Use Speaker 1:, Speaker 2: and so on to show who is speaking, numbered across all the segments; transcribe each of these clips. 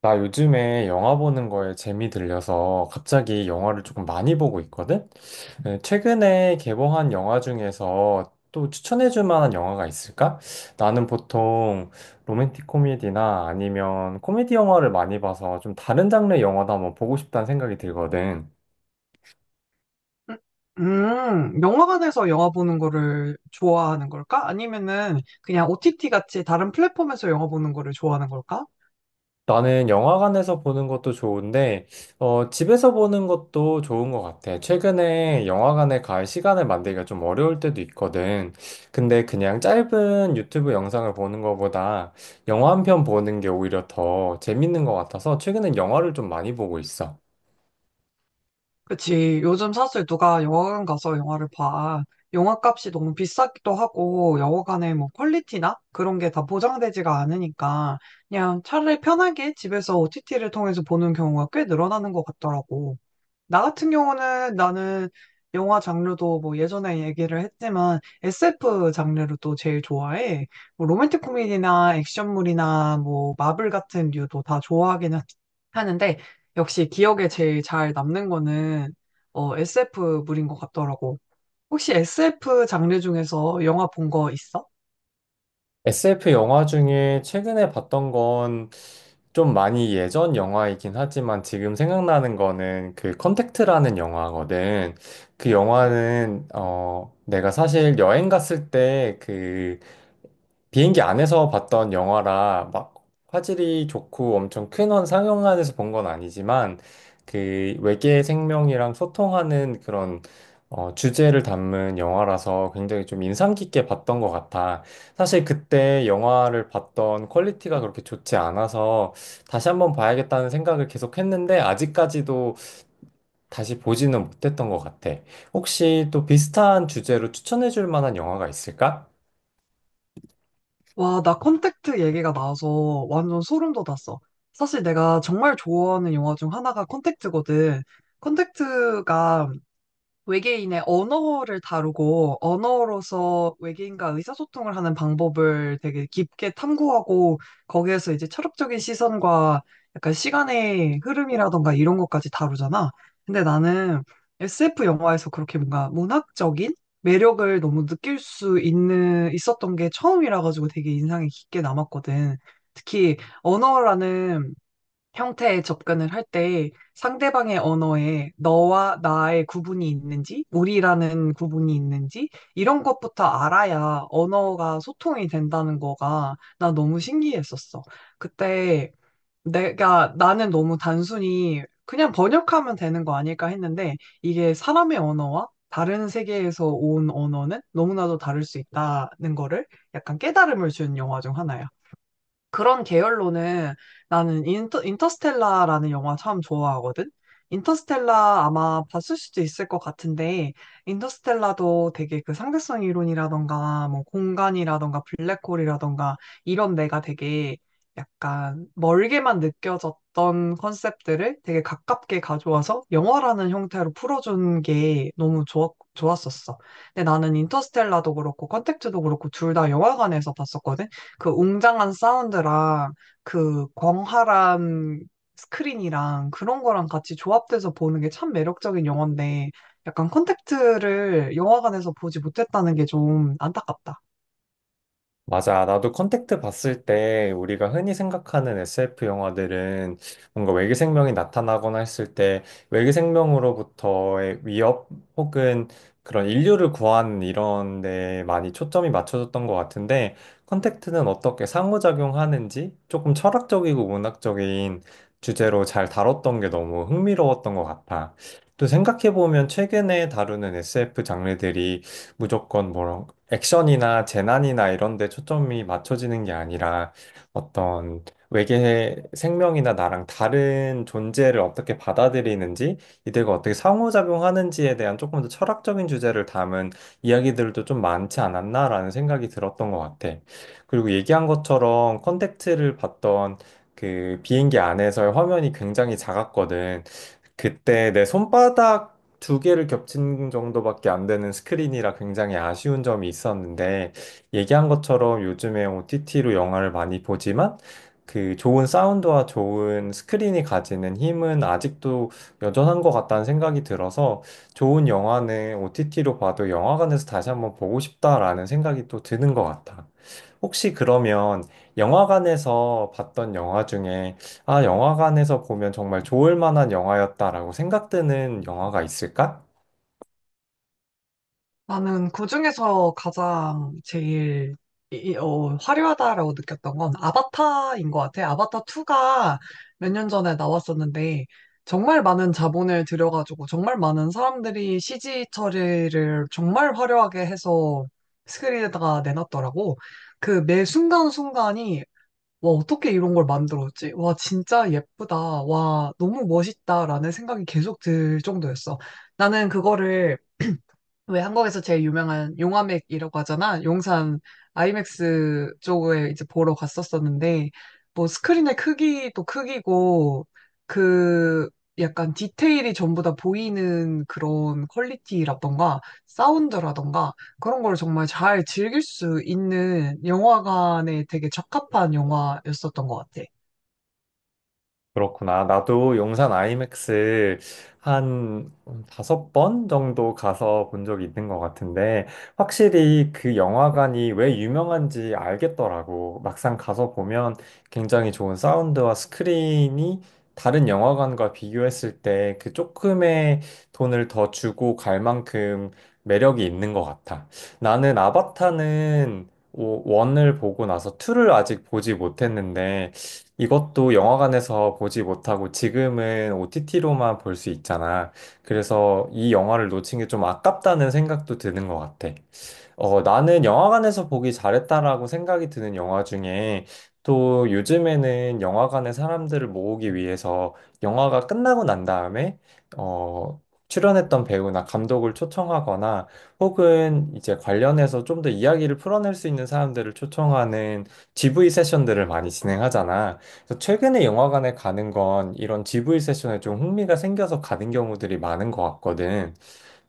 Speaker 1: 나 요즘에 영화 보는 거에 재미 들려서 갑자기 영화를 조금 많이 보고 있거든? 네, 최근에 개봉한 영화 중에서 또 추천해줄 만한 영화가 있을까? 나는 보통 로맨틱 코미디나 아니면 코미디 영화를 많이 봐서 좀 다른 장르의 영화도 한번 보고 싶다는 생각이 들거든.
Speaker 2: 영화관에서 영화 보는 거를 좋아하는 걸까? 아니면은 그냥 OTT 같이 다른 플랫폼에서 영화 보는 거를 좋아하는 걸까?
Speaker 1: 나는 영화관에서 보는 것도 좋은데, 집에서 보는 것도 좋은 것 같아. 최근에 영화관에 갈 시간을 만들기가 좀 어려울 때도 있거든. 근데 그냥 짧은 유튜브 영상을 보는 것보다 영화 한 편 보는 게 오히려 더 재밌는 것 같아서 최근엔 영화를 좀 많이 보고 있어.
Speaker 2: 그치. 요즘 사실 누가 영화관 가서 영화를 봐. 영화 값이 너무 비싸기도 하고, 영화관의 뭐 퀄리티나 그런 게 다 보장되지가 않으니까, 그냥 차라리 편하게 집에서 OTT를 통해서 보는 경우가 꽤 늘어나는 것 같더라고. 나 같은 경우는 나는 영화 장르도 뭐 예전에 얘기를 했지만 SF 장르를 또 제일 좋아해. 뭐 로맨틱 코미디나 액션물이나 뭐 마블 같은 류도 다 하는데 역시 기억에 제일 잘 남는 거는 SF물인 것 같더라고. 혹시 SF 장르 중에서 영화 본 거 있어?
Speaker 1: SF 영화 중에 최근에 봤던 건 좀 많이 예전 영화이긴 하지만 지금 생각나는 거는 그 컨택트라는 영화거든. 그 영화는 내가 사실 여행 갔을 때그 비행기 안에서 봤던 영화라 막 화질이 좋고 엄청 큰 원 상영관에서 본 건 아니지만 그 외계 생명이랑 소통하는 그런 주제를 담은 영화라서 굉장히 좀 인상 깊게 봤던 것 같아. 사실 그때 영화를 봤던 퀄리티가 그렇게 좋지 않아서 다시 한번 봐야겠다는 생각을 계속 했는데 아직까지도 다시 보지는 못했던 것 같아. 혹시 또 비슷한 주제로 추천해 줄 만한 영화가 있을까?
Speaker 2: 와, 나 컨택트 얘기가 나와서 완전 소름 돋았어. 사실 내가 정말 좋아하는 영화 중 하나가 컨택트거든. 컨택트가 외계인의 언어를 다루고 언어로서 외계인과 의사소통을 하는 방법을 되게 깊게 탐구하고 거기에서 이제 철학적인 시선과 약간 시간의 흐름이라던가 이런 것까지 다루잖아. 근데 나는 SF 영화에서 그렇게 뭔가 문학적인 매력을 너무 느낄 수 있는 있었던 게 처음이라 가지고 되게 인상이 깊게 남았거든. 특히 언어라는 형태의 접근을 할 때 상대방의 언어에 너와 나의 구분이 있는지, 우리라는 구분이 있는지, 이런 것부터 알아야 언어가 소통이 된다는 거가 나 너무 신기했었어. 그때 나는 너무 단순히 그냥 번역하면 되는 거 아닐까 했는데 이게 사람의 언어와 다른 세계에서 온 언어는 너무나도 다를 수 있다는 거를 약간 깨달음을 준 영화 중 하나야. 그런 계열로는 나는 인터스텔라라는 영화 참 좋아하거든? 인터스텔라 아마 봤을 수도 있을 것 같은데, 인터스텔라도 되게 그 상대성 이론이라던가, 뭐 공간이라던가, 블랙홀이라던가, 이런 내가 되게 약간 멀게만 느껴졌던 컨셉들을 되게 가깝게 가져와서 영화라는 형태로 풀어준 게 너무 좋았었어. 근데 나는 인터스텔라도 그렇고, 컨택트도 그렇고, 둘 다 영화관에서 봤었거든? 그 웅장한 사운드랑 그 광활한 스크린이랑 그런 거랑 같이 조합돼서 보는 게 참 매력적인 영화인데 약간 컨택트를 영화관에서 보지 못했다는 게 좀 안타깝다.
Speaker 1: 맞아. 나도 컨택트 봤을 때 우리가 흔히 생각하는 SF 영화들은 뭔가 외계 생명이 나타나거나 했을 때 외계 생명으로부터의 위협 혹은 그런 인류를 구하는 이런 데 많이 초점이 맞춰졌던 것 같은데, 컨택트는 어떻게 상호작용하는지 조금 철학적이고 문학적인 주제로 잘 다뤘던 게 너무 흥미로웠던 것 같아. 또 생각해보면 최근에 다루는 SF 장르들이 무조건 뭐라 액션이나 재난이나 이런 데 초점이 맞춰지는 게 아니라 어떤 외계 생명이나 나랑 다른 존재를 어떻게 받아들이는지, 이들과 어떻게 상호작용하는지에 대한 조금 더 철학적인 주제를 담은 이야기들도 좀 많지 않았나라는 생각이 들었던 것 같아. 그리고 얘기한 것처럼 컨택트를 봤던 그 비행기 안에서의 화면이 굉장히 작았거든. 그때 내 손바닥 두 개를 겹친 정도밖에 안 되는 스크린이라 굉장히 아쉬운 점이 있었는데, 얘기한 것처럼 요즘에 OTT로 영화를 많이 보지만, 그 좋은 사운드와 좋은 스크린이 가지는 힘은 아직도 여전한 것 같다는 생각이 들어서, 좋은 영화는 OTT로 봐도 영화관에서 다시 한번 보고 싶다라는 생각이 또 드는 것 같아. 혹시 그러면 영화관에서 봤던 영화 중에 아, 영화관에서 보면 정말 좋을 만한 영화였다라고 생각되는 영화가 있을까?
Speaker 2: 나는 그중에서 가장 제일 화려하다라고 느꼈던 건 아바타인 것 같아. 아바타 2가 몇 년 전에 나왔었는데 정말 많은 자본을 들여가지고 정말 많은 사람들이 CG 처리를 정말 화려하게 해서 스크린에다가 내놨더라고. 그 매 순간순간이 와, 어떻게 이런 걸 만들었지? 와, 진짜 예쁘다. 와, 너무 멋있다라는 생각이 계속 들 정도였어. 나는 그거를 왜 한국에서 제일 유명한 용화맥이라고 하잖아. 용산 아이맥스 쪽에 이제 보러 갔었었는데 뭐 스크린의 크기도 크기고 그 약간 디테일이 전부 다 보이는 그런 퀄리티라던가 사운드라던가 그런 걸 정말 잘 즐길 수 있는 영화관에 되게 적합한 영화였었던 것 같아.
Speaker 1: 그렇구나. 나도 용산 아이맥스 한 5번 정도 가서 본 적이 있는 것 같은데, 확실히 그 영화관이 왜 유명한지 알겠더라고. 막상 가서 보면 굉장히 좋은 사운드와 스크린이 다른 영화관과 비교했을 때 그 조금의 돈을 더 주고 갈 만큼 매력이 있는 것 같아. 나는 아바타는 원을 보고 나서 투를 아직 보지 못했는데, 이것도 영화관에서 보지 못하고 지금은 OTT로만 볼 수 있잖아. 그래서 이 영화를 놓친 게 좀 아깝다는 생각도 드는 것 같아. 나는 영화관에서 보기 잘했다라고 생각이 드는 영화 중에 또 요즘에는 영화관에 사람들을 모으기 위해서 영화가 끝나고 난 다음에 어, 출연했던 배우나 감독을 초청하거나 혹은 이제 관련해서 좀 더 이야기를 풀어낼 수 있는 사람들을 초청하는 GV 세션들을 많이 진행하잖아. 그래서 최근에 영화관에 가는 건 이런 GV 세션에 좀 흥미가 생겨서 가는 경우들이 많은 것 같거든.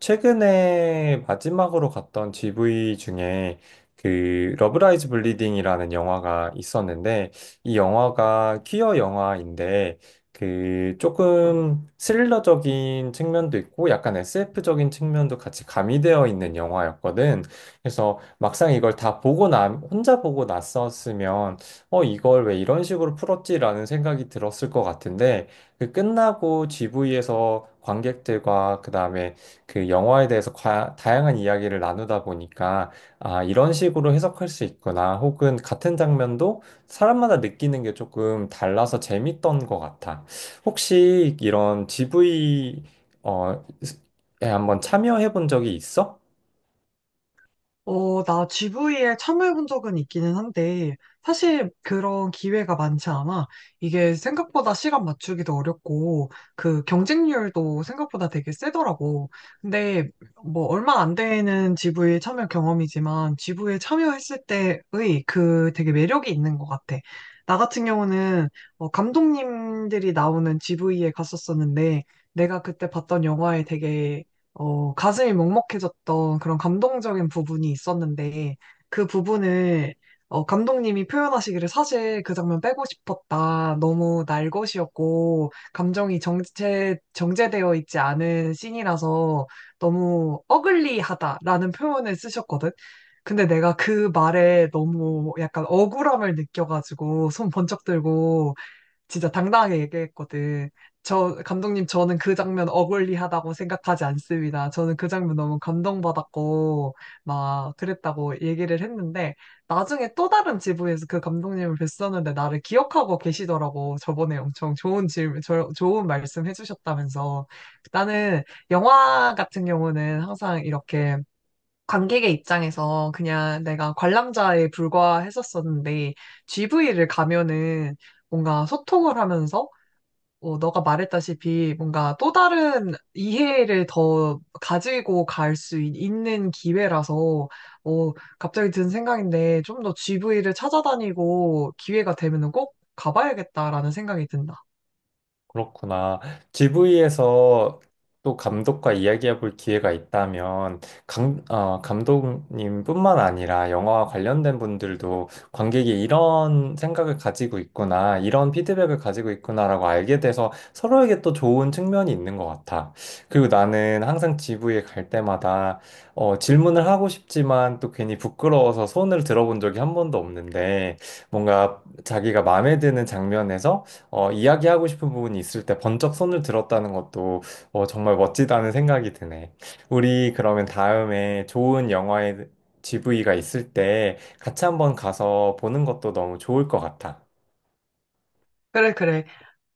Speaker 1: 최근에 마지막으로 갔던 GV 중에 그 러브라이즈 블리딩이라는 영화가 있었는데, 이 영화가 퀴어 영화인데 그 조금 스릴러적인 측면도 있고 약간 SF적인 측면도 같이 가미되어 있는 영화였거든. 그래서 막상 이걸 다 보고 나 혼자 보고 났었으면 이걸 왜 이런 식으로 풀었지라는 생각이 들었을 것 같은데, 그 끝나고 GV에서 관객들과 그다음에 그 영화에 대해서 다양한 이야기를 나누다 보니까 아, 이런 식으로 해석할 수 있구나. 혹은 같은 장면도 사람마다 느끼는 게 조금 달라서 재밌던 것 같아. 혹시 이런 GV 어, 에 한번 참여해 본 적이 있어?
Speaker 2: 나 GV에 참여해본 적은 있기는 한데, 사실 그런 기회가 많지 않아. 이게 생각보다 시간 맞추기도 어렵고, 그 경쟁률도 생각보다 되게 세더라고. 근데 뭐 얼마 안 되는 GV 참여 경험이지만, GV에 참여했을 때의 그 되게 매력이 있는 것 같아. 나 같은 경우는 감독님들이 나오는 GV에 갔었었는데, 내가 그때 봤던 영화에 되게 가슴이 먹먹해졌던 그런 감동적인 부분이 있었는데, 그 부분을, 감독님이 표현하시기를 사실 그 장면 빼고 싶었다. 너무 날 것이었고, 감정이 정제되어 있지 않은 씬이라서 너무 어글리하다라는 표현을 쓰셨거든. 근데 내가 그 말에 너무 약간 억울함을 느껴가지고, 손 번쩍 들고, 진짜 당당하게 얘기했거든. 저, 감독님, 저는 그 장면 어글리하다고 생각하지 않습니다. 저는 그 장면 너무 감동받았고, 막 그랬다고 얘기를 했는데, 나중에 또 다른 지부에서 그 감독님을 뵀었는데, 나를 기억하고 계시더라고. 저번에 엄청 좋은 질문, 좋은 말씀 해주셨다면서. 나는 영화 같은 경우는 항상 이렇게 관객의 입장에서 그냥 내가 관람자에 불과했었었는데 GV를 가면은 뭔가 소통을 하면서 너가 말했다시피 뭔가 또 다른 이해를 더 가지고 갈 수 있는 기회라서 어, 갑자기 든 생각인데 좀 더 GV를 찾아다니고 기회가 되면은 꼭 가봐야겠다라는 생각이 든다.
Speaker 1: 그렇구나. GV에서 또 감독과 이야기해 볼 기회가 있다면, 감독님뿐만 아니라 영화와 관련된 분들도 관객이 이런 생각을 가지고 있구나, 이런 피드백을 가지고 있구나라고 알게 돼서 서로에게 또 좋은 측면이 있는 것 같아. 그리고 나는 항상 GV에 갈 때마다 질문을 하고 싶지만 또 괜히 부끄러워서 손을 들어본 적이 한 번도 없는데, 뭔가 자기가 마음에 드는 장면에서 이야기하고 싶은 부분이 있을 때 번쩍 손을 들었다는 것도 정말 멋지다는 생각이 드네. 우리 그러면 다음에 좋은 영화의 GV가 있을 때 같이 한번 가서 보는 것도 너무 좋을 것 같아.
Speaker 2: 그래, 그래.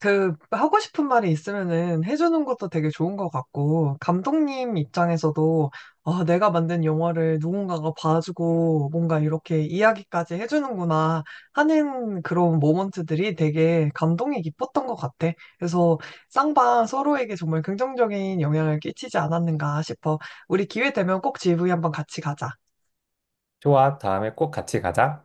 Speaker 2: 그 하고 싶은 말이 있으면은 해주는 것도 되게 좋은 것 같고 감독님 입장에서도 아 내가 만든 영화를 누군가가 봐주고 뭔가 이렇게 이야기까지 해주는구나 하는 그런 모먼트들이 되게 감동이 깊었던 것 같아. 그래서 쌍방 서로에게 정말 긍정적인 영향을 끼치지 않았는가 싶어. 우리 기회 되면 꼭 GV 한번 같이 가자.
Speaker 1: 좋아, 다음에 꼭 같이 가자.